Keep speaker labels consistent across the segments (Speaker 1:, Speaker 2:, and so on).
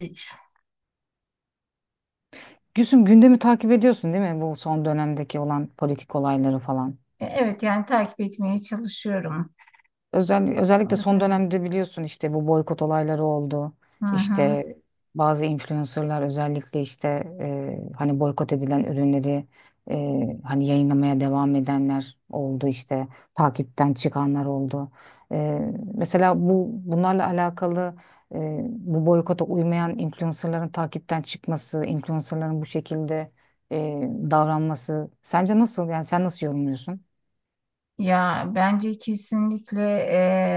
Speaker 1: Hiç.
Speaker 2: Gülsüm gündemi takip ediyorsun değil mi? Bu son dönemdeki olan politik olayları falan.
Speaker 1: Evet yani takip etmeye çalışıyorum.
Speaker 2: Özellikle son
Speaker 1: Olabilir.
Speaker 2: dönemde biliyorsun işte bu boykot olayları oldu.
Speaker 1: Hı hı.
Speaker 2: İşte bazı influencerlar özellikle işte hani boykot edilen ürünleri hani yayınlamaya devam edenler oldu işte takipten çıkanlar oldu. E, Mesela bunlarla alakalı bu boykota uymayan influencerların takipten çıkması, influencerların bu şekilde e, davranması sence nasıl? Yani sen nasıl yorumluyorsun?
Speaker 1: Ya bence kesinlikle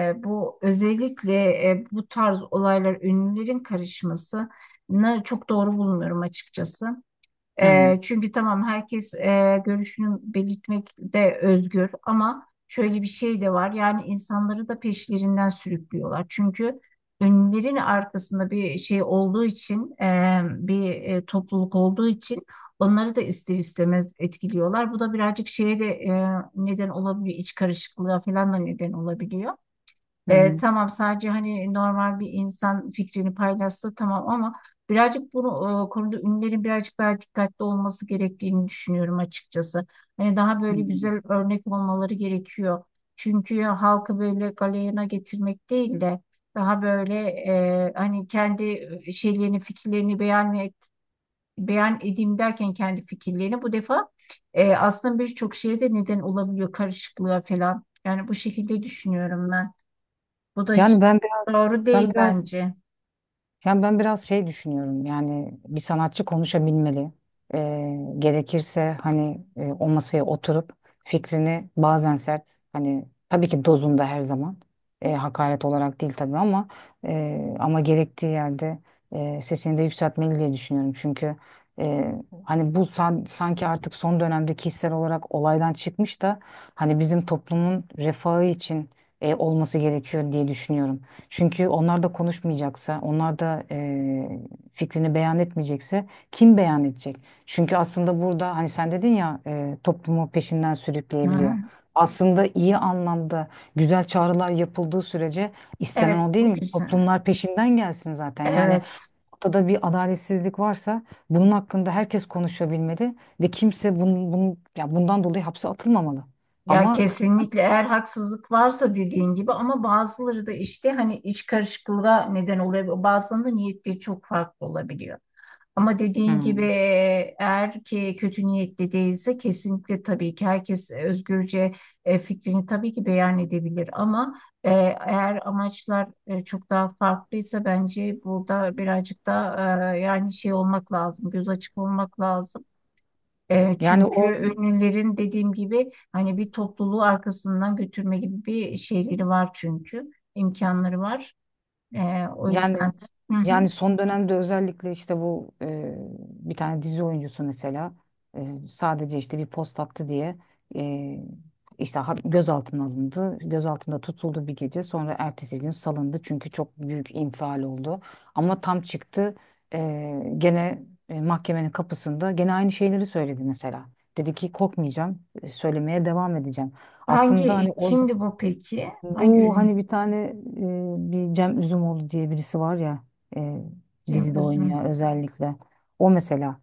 Speaker 1: bu özellikle bu tarz olaylar ünlülerin karışmasını çok doğru bulmuyorum açıkçası.
Speaker 2: Hı
Speaker 1: Çünkü tamam herkes görüşünü belirtmekte özgür ama şöyle bir şey de var. Yani insanları da peşlerinden sürüklüyorlar. Çünkü önlerin arkasında bir şey olduğu için bir topluluk olduğu için onları da ister istemez etkiliyorlar. Bu da birazcık şeye de neden olabiliyor. İç karışıklığa falan da neden olabiliyor.
Speaker 2: hı.
Speaker 1: Tamam sadece hani normal bir insan fikrini paylaşsa tamam ama birazcık bunu konuda ünlülerin birazcık daha dikkatli olması gerektiğini düşünüyorum açıkçası. Hani daha
Speaker 2: Hı.
Speaker 1: böyle güzel örnek olmaları gerekiyor. Çünkü halkı böyle galeyana getirmek değil de daha böyle hani kendi şeylerini fikirlerini beyan edeyim derken kendi fikirlerini bu defa aslında birçok şeye de neden olabiliyor karışıklığa falan. Yani bu şekilde düşünüyorum ben. Bu da hiç
Speaker 2: Yani ben biraz
Speaker 1: doğru
Speaker 2: ben
Speaker 1: değil
Speaker 2: biraz
Speaker 1: bence.
Speaker 2: yani ben biraz şey düşünüyorum. Yani bir sanatçı konuşabilmeli. Gerekirse hani o masaya oturup fikrini bazen sert, hani tabii ki dozunda, her zaman hakaret olarak değil tabii, ama ama gerektiği yerde sesini de yükseltmeli diye düşünüyorum. Çünkü e, hani bu sanki artık son dönemde kişisel olarak olaydan çıkmış da hani bizim toplumun refahı için olması gerekiyor diye düşünüyorum. Çünkü onlar da konuşmayacaksa, onlar da fikrini beyan etmeyecekse kim beyan edecek? Çünkü aslında burada hani sen dedin ya toplumu peşinden sürükleyebiliyor.
Speaker 1: Hı.
Speaker 2: Aslında iyi anlamda güzel çağrılar yapıldığı sürece istenen
Speaker 1: Evet,
Speaker 2: o değil
Speaker 1: bu
Speaker 2: mi?
Speaker 1: güzel.
Speaker 2: Toplumlar peşinden gelsin zaten. Yani
Speaker 1: Evet.
Speaker 2: ortada bir adaletsizlik varsa bunun hakkında herkes konuşabilmeli ve kimse bunun ya bundan dolayı hapse atılmamalı.
Speaker 1: Ya
Speaker 2: Ama...
Speaker 1: kesinlikle eğer haksızlık varsa dediğin gibi, ama bazıları da işte hani iç karışıklığa neden oluyor. Bazılarında niyetleri çok farklı olabiliyor. Ama dediğin gibi
Speaker 2: Hmm.
Speaker 1: eğer ki kötü niyetli değilse kesinlikle tabii ki herkes özgürce fikrini tabii ki beyan edebilir ama eğer amaçlar çok daha farklıysa bence burada birazcık da yani şey olmak lazım, göz açık olmak lazım.
Speaker 2: yani o
Speaker 1: Çünkü ünlülerin dediğim gibi hani bir topluluğu arkasından götürme gibi bir şeyleri var, çünkü imkanları var. O yüzden
Speaker 2: Yani
Speaker 1: de. Hı hı.
Speaker 2: yani son dönemde özellikle işte bu bir tane dizi oyuncusu mesela sadece işte bir post attı diye e, işte gözaltına alındı. Gözaltında tutuldu bir gece. Sonra ertesi gün salındı çünkü çok büyük infial oldu. Ama tam çıktı e, gene mahkemenin kapısında gene aynı şeyleri söyledi mesela. Dedi ki korkmayacağım, söylemeye devam edeceğim. Aslında hani
Speaker 1: Hangi
Speaker 2: orada
Speaker 1: kimdi bu peki? Hangi
Speaker 2: bu,
Speaker 1: ünlü?
Speaker 2: hani bir tane bir Cem Üzümoğlu diye birisi var ya, e,
Speaker 1: Cem
Speaker 2: dizide
Speaker 1: Uzun.
Speaker 2: oynuyor özellikle. O mesela.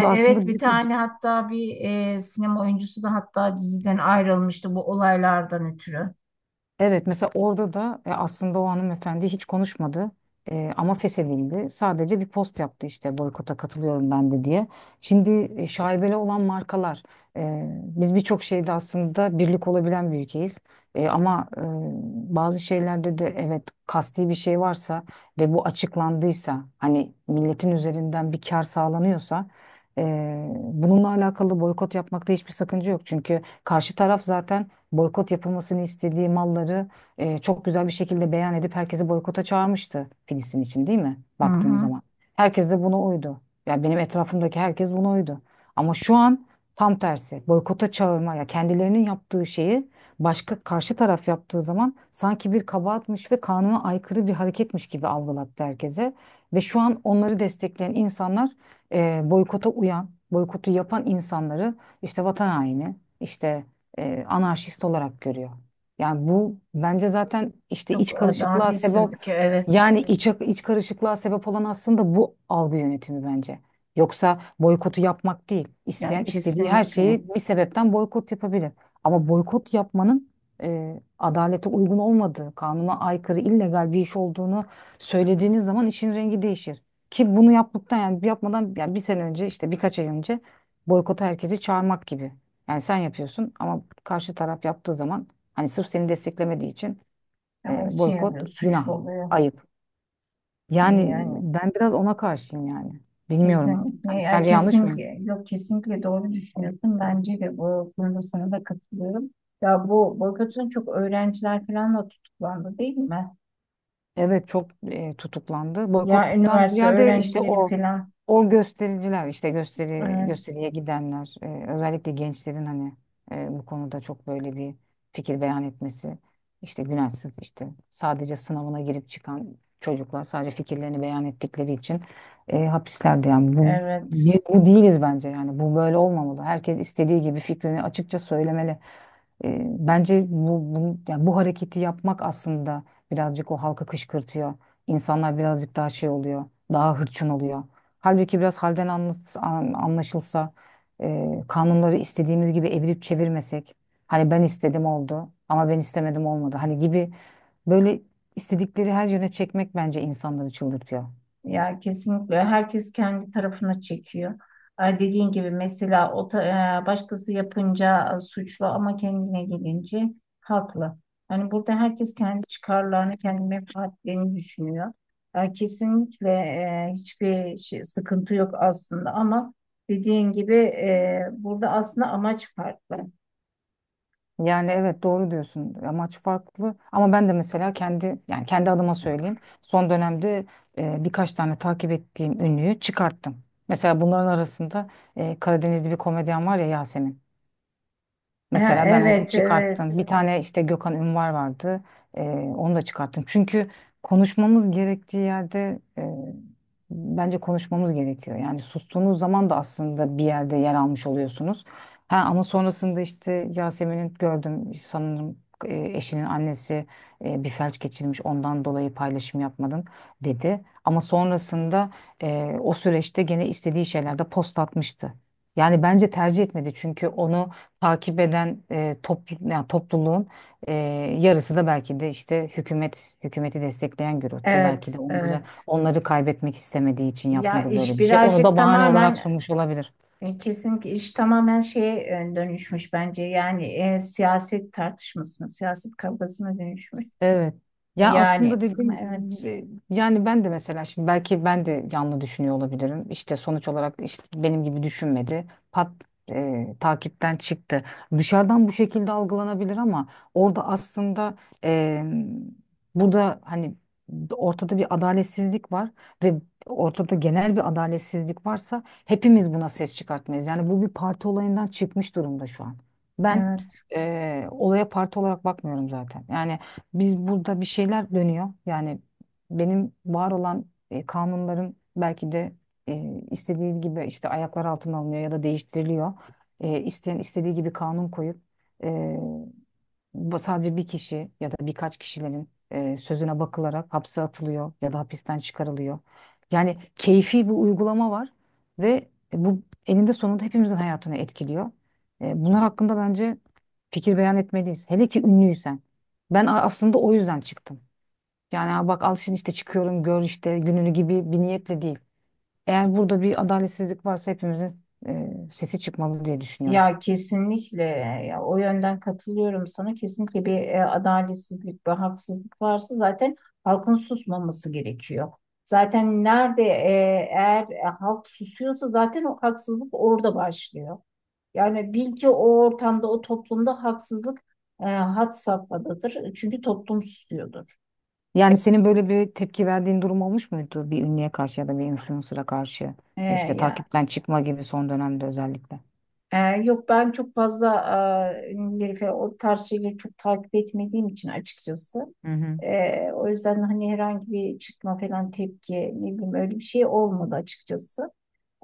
Speaker 2: aslında
Speaker 1: Evet, bir
Speaker 2: büyük bir...
Speaker 1: tane hatta bir sinema oyuncusu da hatta diziden ayrılmıştı bu olaylardan ötürü.
Speaker 2: Evet, mesela orada da aslında o hanımefendi hiç konuşmadı. Ama feshedildi. Sadece bir post yaptı işte, boykota katılıyorum ben de diye. Şimdi şaibeli olan markalar. Biz birçok şeyde aslında birlik olabilen bir ülkeyiz. Ama bazı şeylerde de, evet, kasti bir şey varsa ve bu açıklandıysa, hani milletin üzerinden bir kar sağlanıyorsa e, bununla alakalı boykot yapmakta hiçbir sakınca yok. Çünkü karşı taraf zaten boykot yapılmasını istediği malları çok güzel bir şekilde beyan edip herkesi boykota çağırmıştı Filistin için, değil mi?
Speaker 1: Hı
Speaker 2: Baktığın
Speaker 1: hı.
Speaker 2: zaman. Herkes de buna uydu. Ya, benim etrafımdaki herkes buna uydu. Ama şu an tam tersi. Boykota çağırma, ya kendilerinin yaptığı şeyi başka karşı taraf yaptığı zaman sanki bir kabahatmiş ve kanuna aykırı bir hareketmiş gibi algılattı herkese. Ve şu an onları destekleyen insanlar boykota uyan, boykotu yapan insanları işte vatan haini, işte anarşist olarak görüyor. Yani bu bence zaten işte
Speaker 1: Çok
Speaker 2: iç karışıklığa sebep,
Speaker 1: adaletsizlik, evet.
Speaker 2: yani iç karışıklığa sebep olan aslında bu algı yönetimi bence. Yoksa boykotu yapmak değil.
Speaker 1: Yani
Speaker 2: İsteyen istediği her
Speaker 1: kesinlikle.
Speaker 2: şeyi bir sebepten boykot yapabilir. Ama boykot yapmanın adalete uygun olmadığı, kanuna aykırı, illegal bir iş olduğunu söylediğiniz zaman işin rengi değişir. Ki bunu yaptıktan, yani yapmadan yani bir sene önce, işte birkaç ay önce boykota herkesi çağırmak gibi. Yani sen yapıyorsun, ama karşı taraf yaptığı zaman hani sırf seni desteklemediği için
Speaker 1: Yani şey
Speaker 2: boykot
Speaker 1: oluyor, suçlu
Speaker 2: günah,
Speaker 1: oluyor.
Speaker 2: ayıp. Yani
Speaker 1: Yani
Speaker 2: ben biraz ona karşıyım yani. Bilmiyorum.
Speaker 1: kesinlikle,
Speaker 2: Hani
Speaker 1: ya
Speaker 2: sence yanlış mıyım?
Speaker 1: kesinlikle, yok kesinlikle doğru düşünüyorsun. Bence de bu konuda sana da katılıyorum. Ya bu boykotun çok öğrenciler falan da tutuklandı değil mi?
Speaker 2: Evet, çok tutuklandı.
Speaker 1: Ya
Speaker 2: Boykottan
Speaker 1: üniversite
Speaker 2: ziyade işte
Speaker 1: öğrencileri
Speaker 2: o
Speaker 1: falan.
Speaker 2: o göstericiler, işte gösteri
Speaker 1: Evet.
Speaker 2: gösteriye gidenler, özellikle gençlerin hani bu konuda çok böyle bir fikir beyan etmesi, işte günahsız işte sadece sınavına girip çıkan çocuklar sadece fikirlerini beyan ettikleri için hapislerde, yani bu,
Speaker 1: Evet.
Speaker 2: biz bu değiliz bence. Yani bu böyle olmamalı. Herkes istediği gibi fikrini açıkça söylemeli. E, bence yani bu hareketi yapmak aslında birazcık o halkı kışkırtıyor. İnsanlar birazcık daha şey oluyor, daha hırçın oluyor. Halbuki biraz halden anlaşılsa, kanunları istediğimiz gibi evirip çevirmesek, hani ben istedim oldu ama ben istemedim olmadı, hani gibi böyle istedikleri her yöne çekmek bence insanları çıldırtıyor.
Speaker 1: Ya kesinlikle herkes kendi tarafına çekiyor. Dediğin gibi mesela başkası yapınca suçlu ama kendine gelince haklı. Hani burada herkes kendi çıkarlarını, kendi menfaatlerini düşünüyor. Kesinlikle hiçbir şey, sıkıntı yok aslında ama dediğin gibi burada aslında amaç farklı.
Speaker 2: Yani evet, doğru diyorsun. Amaç farklı. Ama ben de mesela kendi, yani kendi adıma söyleyeyim. Son dönemde birkaç tane takip ettiğim ünlüyü çıkarttım. Mesela bunların arasında Karadenizli bir komedyen var ya, Yasemin.
Speaker 1: Ha,
Speaker 2: Mesela ben onu
Speaker 1: evet, evet,
Speaker 2: çıkarttım. Bir tane işte Gökhan Ünvar vardı. Ee, onu da çıkarttım. Çünkü konuşmamız gerektiği yerde bence konuşmamız gerekiyor. Yani sustuğunuz zaman da aslında bir yerde yer almış oluyorsunuz. Ha, ama sonrasında işte Yasemin'in gördüm sanırım, eşinin annesi bir felç geçirmiş, ondan dolayı paylaşım yapmadım dedi. Ama sonrasında o süreçte gene istediği şeylerde post atmıştı. Yani bence tercih etmedi, çünkü onu takip eden yani topluluğun e, yarısı da belki de işte hükümeti destekleyen gruptu.
Speaker 1: evet,
Speaker 2: Belki de onları
Speaker 1: evet.
Speaker 2: onları kaybetmek istemediği için
Speaker 1: Ya
Speaker 2: yapmadı böyle
Speaker 1: iş
Speaker 2: bir şey. Onu
Speaker 1: birazcık
Speaker 2: da bahane olarak
Speaker 1: tamamen
Speaker 2: sunmuş olabilir.
Speaker 1: kesinlikle iş tamamen şeye dönüşmüş bence. Yani siyaset tartışmasına, siyaset kavgasına dönüşmüş.
Speaker 2: Evet. Ya aslında
Speaker 1: Yani
Speaker 2: dediğim...
Speaker 1: evet.
Speaker 2: e, Yani ben de mesela şimdi belki ben de yanlı düşünüyor olabilirim. İşte sonuç olarak işte benim gibi düşünmedi. Pat takipten çıktı. Dışarıdan bu şekilde algılanabilir, ama orada aslında e, burada hani ortada bir adaletsizlik var ve ortada genel bir adaletsizlik varsa hepimiz buna ses çıkartmayız. Yani bu bir parti olayından çıkmış durumda şu an. Ben
Speaker 1: Evet.
Speaker 2: olaya parti olarak bakmıyorum zaten. Yani biz, burada bir şeyler dönüyor. Yani benim var olan kanunların belki de istediği gibi işte ayaklar altına alınıyor ya da değiştiriliyor. E, isteyen istediği gibi kanun koyup e, bu sadece bir kişi ya da birkaç kişilerin sözüne bakılarak hapse atılıyor ya da hapisten çıkarılıyor. Yani keyfi bir uygulama var ve bu eninde sonunda hepimizin hayatını etkiliyor. Bunlar hakkında bence fikir beyan etmeliyiz. Hele ki ünlüysen. Ben aslında o yüzden çıktım. Yani "Aa, bak al şimdi işte çıkıyorum gör işte gününü" gibi bir niyetle değil. Eğer burada bir adaletsizlik varsa hepimizin sesi çıkmalı diye düşünüyorum.
Speaker 1: Ya kesinlikle, ya o yönden katılıyorum sana. Kesinlikle bir adaletsizlik, bir haksızlık varsa zaten halkın susmaması gerekiyor. Zaten nerede eğer halk susuyorsa zaten o haksızlık orada başlıyor. Yani bil ki o ortamda, o toplumda haksızlık had safhadadır. Çünkü toplum susuyordur.
Speaker 2: Yani senin böyle bir tepki verdiğin durum olmuş muydu bir ünlüye karşı ya da bir influencer'a karşı?
Speaker 1: E,
Speaker 2: İşte
Speaker 1: ya
Speaker 2: takipten çıkma gibi, son dönemde özellikle.
Speaker 1: Ee, Yok, ben çok fazla ünlüleri falan o tarz şeyleri çok takip etmediğim için açıkçası.
Speaker 2: Hı hı.
Speaker 1: O yüzden hani herhangi bir çıkma falan tepki ne bileyim öyle bir şey olmadı açıkçası.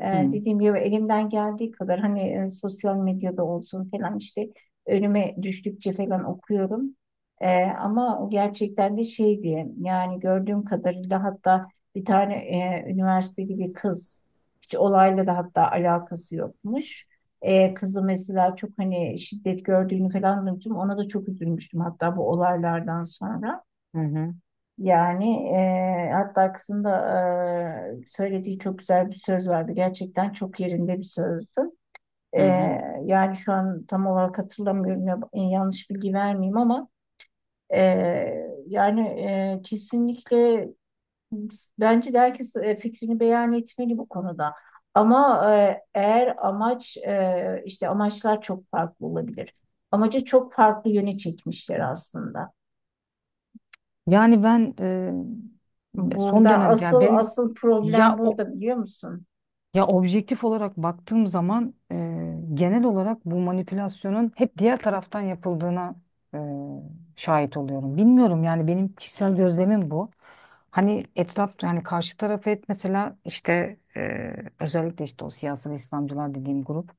Speaker 2: Hmm.
Speaker 1: Dediğim gibi elimden geldiği kadar hani sosyal medyada olsun falan işte önüme düştükçe falan okuyorum. Ama o gerçekten de şey diye, yani gördüğüm kadarıyla hatta bir tane üniversiteli bir kız hiç olayla da hatta alakası yokmuş. Kızı mesela çok hani şiddet gördüğünü falan duymuştum. Ona da çok üzülmüştüm hatta bu olaylardan sonra.
Speaker 2: Hı hı.
Speaker 1: Yani Hatta kızın da söylediği çok güzel bir söz vardı. Gerçekten çok yerinde bir sözdü.
Speaker 2: Hı hı.
Speaker 1: Yani şu an tam olarak hatırlamıyorum. Yanlış bilgi vermeyeyim ama kesinlikle bence de herkes fikrini beyan etmeli bu konuda. Ama eğer amaç işte amaçlar çok farklı olabilir. Amacı çok farklı yöne çekmişler aslında.
Speaker 2: Yani ben son
Speaker 1: Burada
Speaker 2: dönemde, yani
Speaker 1: asıl
Speaker 2: benim,
Speaker 1: asıl problem
Speaker 2: ya o...
Speaker 1: burada, biliyor musun?
Speaker 2: Ya objektif olarak baktığım zaman genel olarak bu manipülasyonun hep diğer taraftan yapıldığına e, şahit oluyorum. Bilmiyorum, yani benim kişisel gözlemim bu. Hani etrafta, yani karşı tarafı hep, mesela işte özellikle işte o siyasal İslamcılar dediğim grup,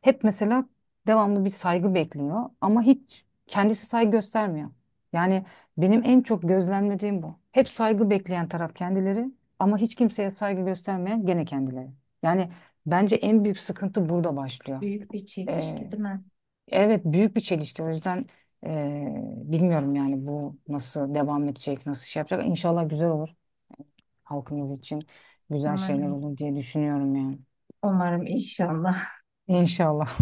Speaker 2: hep mesela devamlı bir saygı bekliyor ama hiç kendisi saygı göstermiyor. Yani benim en çok gözlemlediğim bu. Hep saygı bekleyen taraf kendileri, ama hiç kimseye saygı göstermeyen gene kendileri. Yani bence en büyük sıkıntı burada başlıyor.
Speaker 1: Büyük bir çelişki
Speaker 2: Ee,
Speaker 1: değil mi?
Speaker 2: evet büyük bir çelişki, o yüzden bilmiyorum yani bu nasıl devam edecek, nasıl şey yapacak. İnşallah güzel olur, halkımız için güzel şeyler
Speaker 1: Umarım,
Speaker 2: olur diye düşünüyorum yani.
Speaker 1: umarım inşallah.
Speaker 2: İnşallah.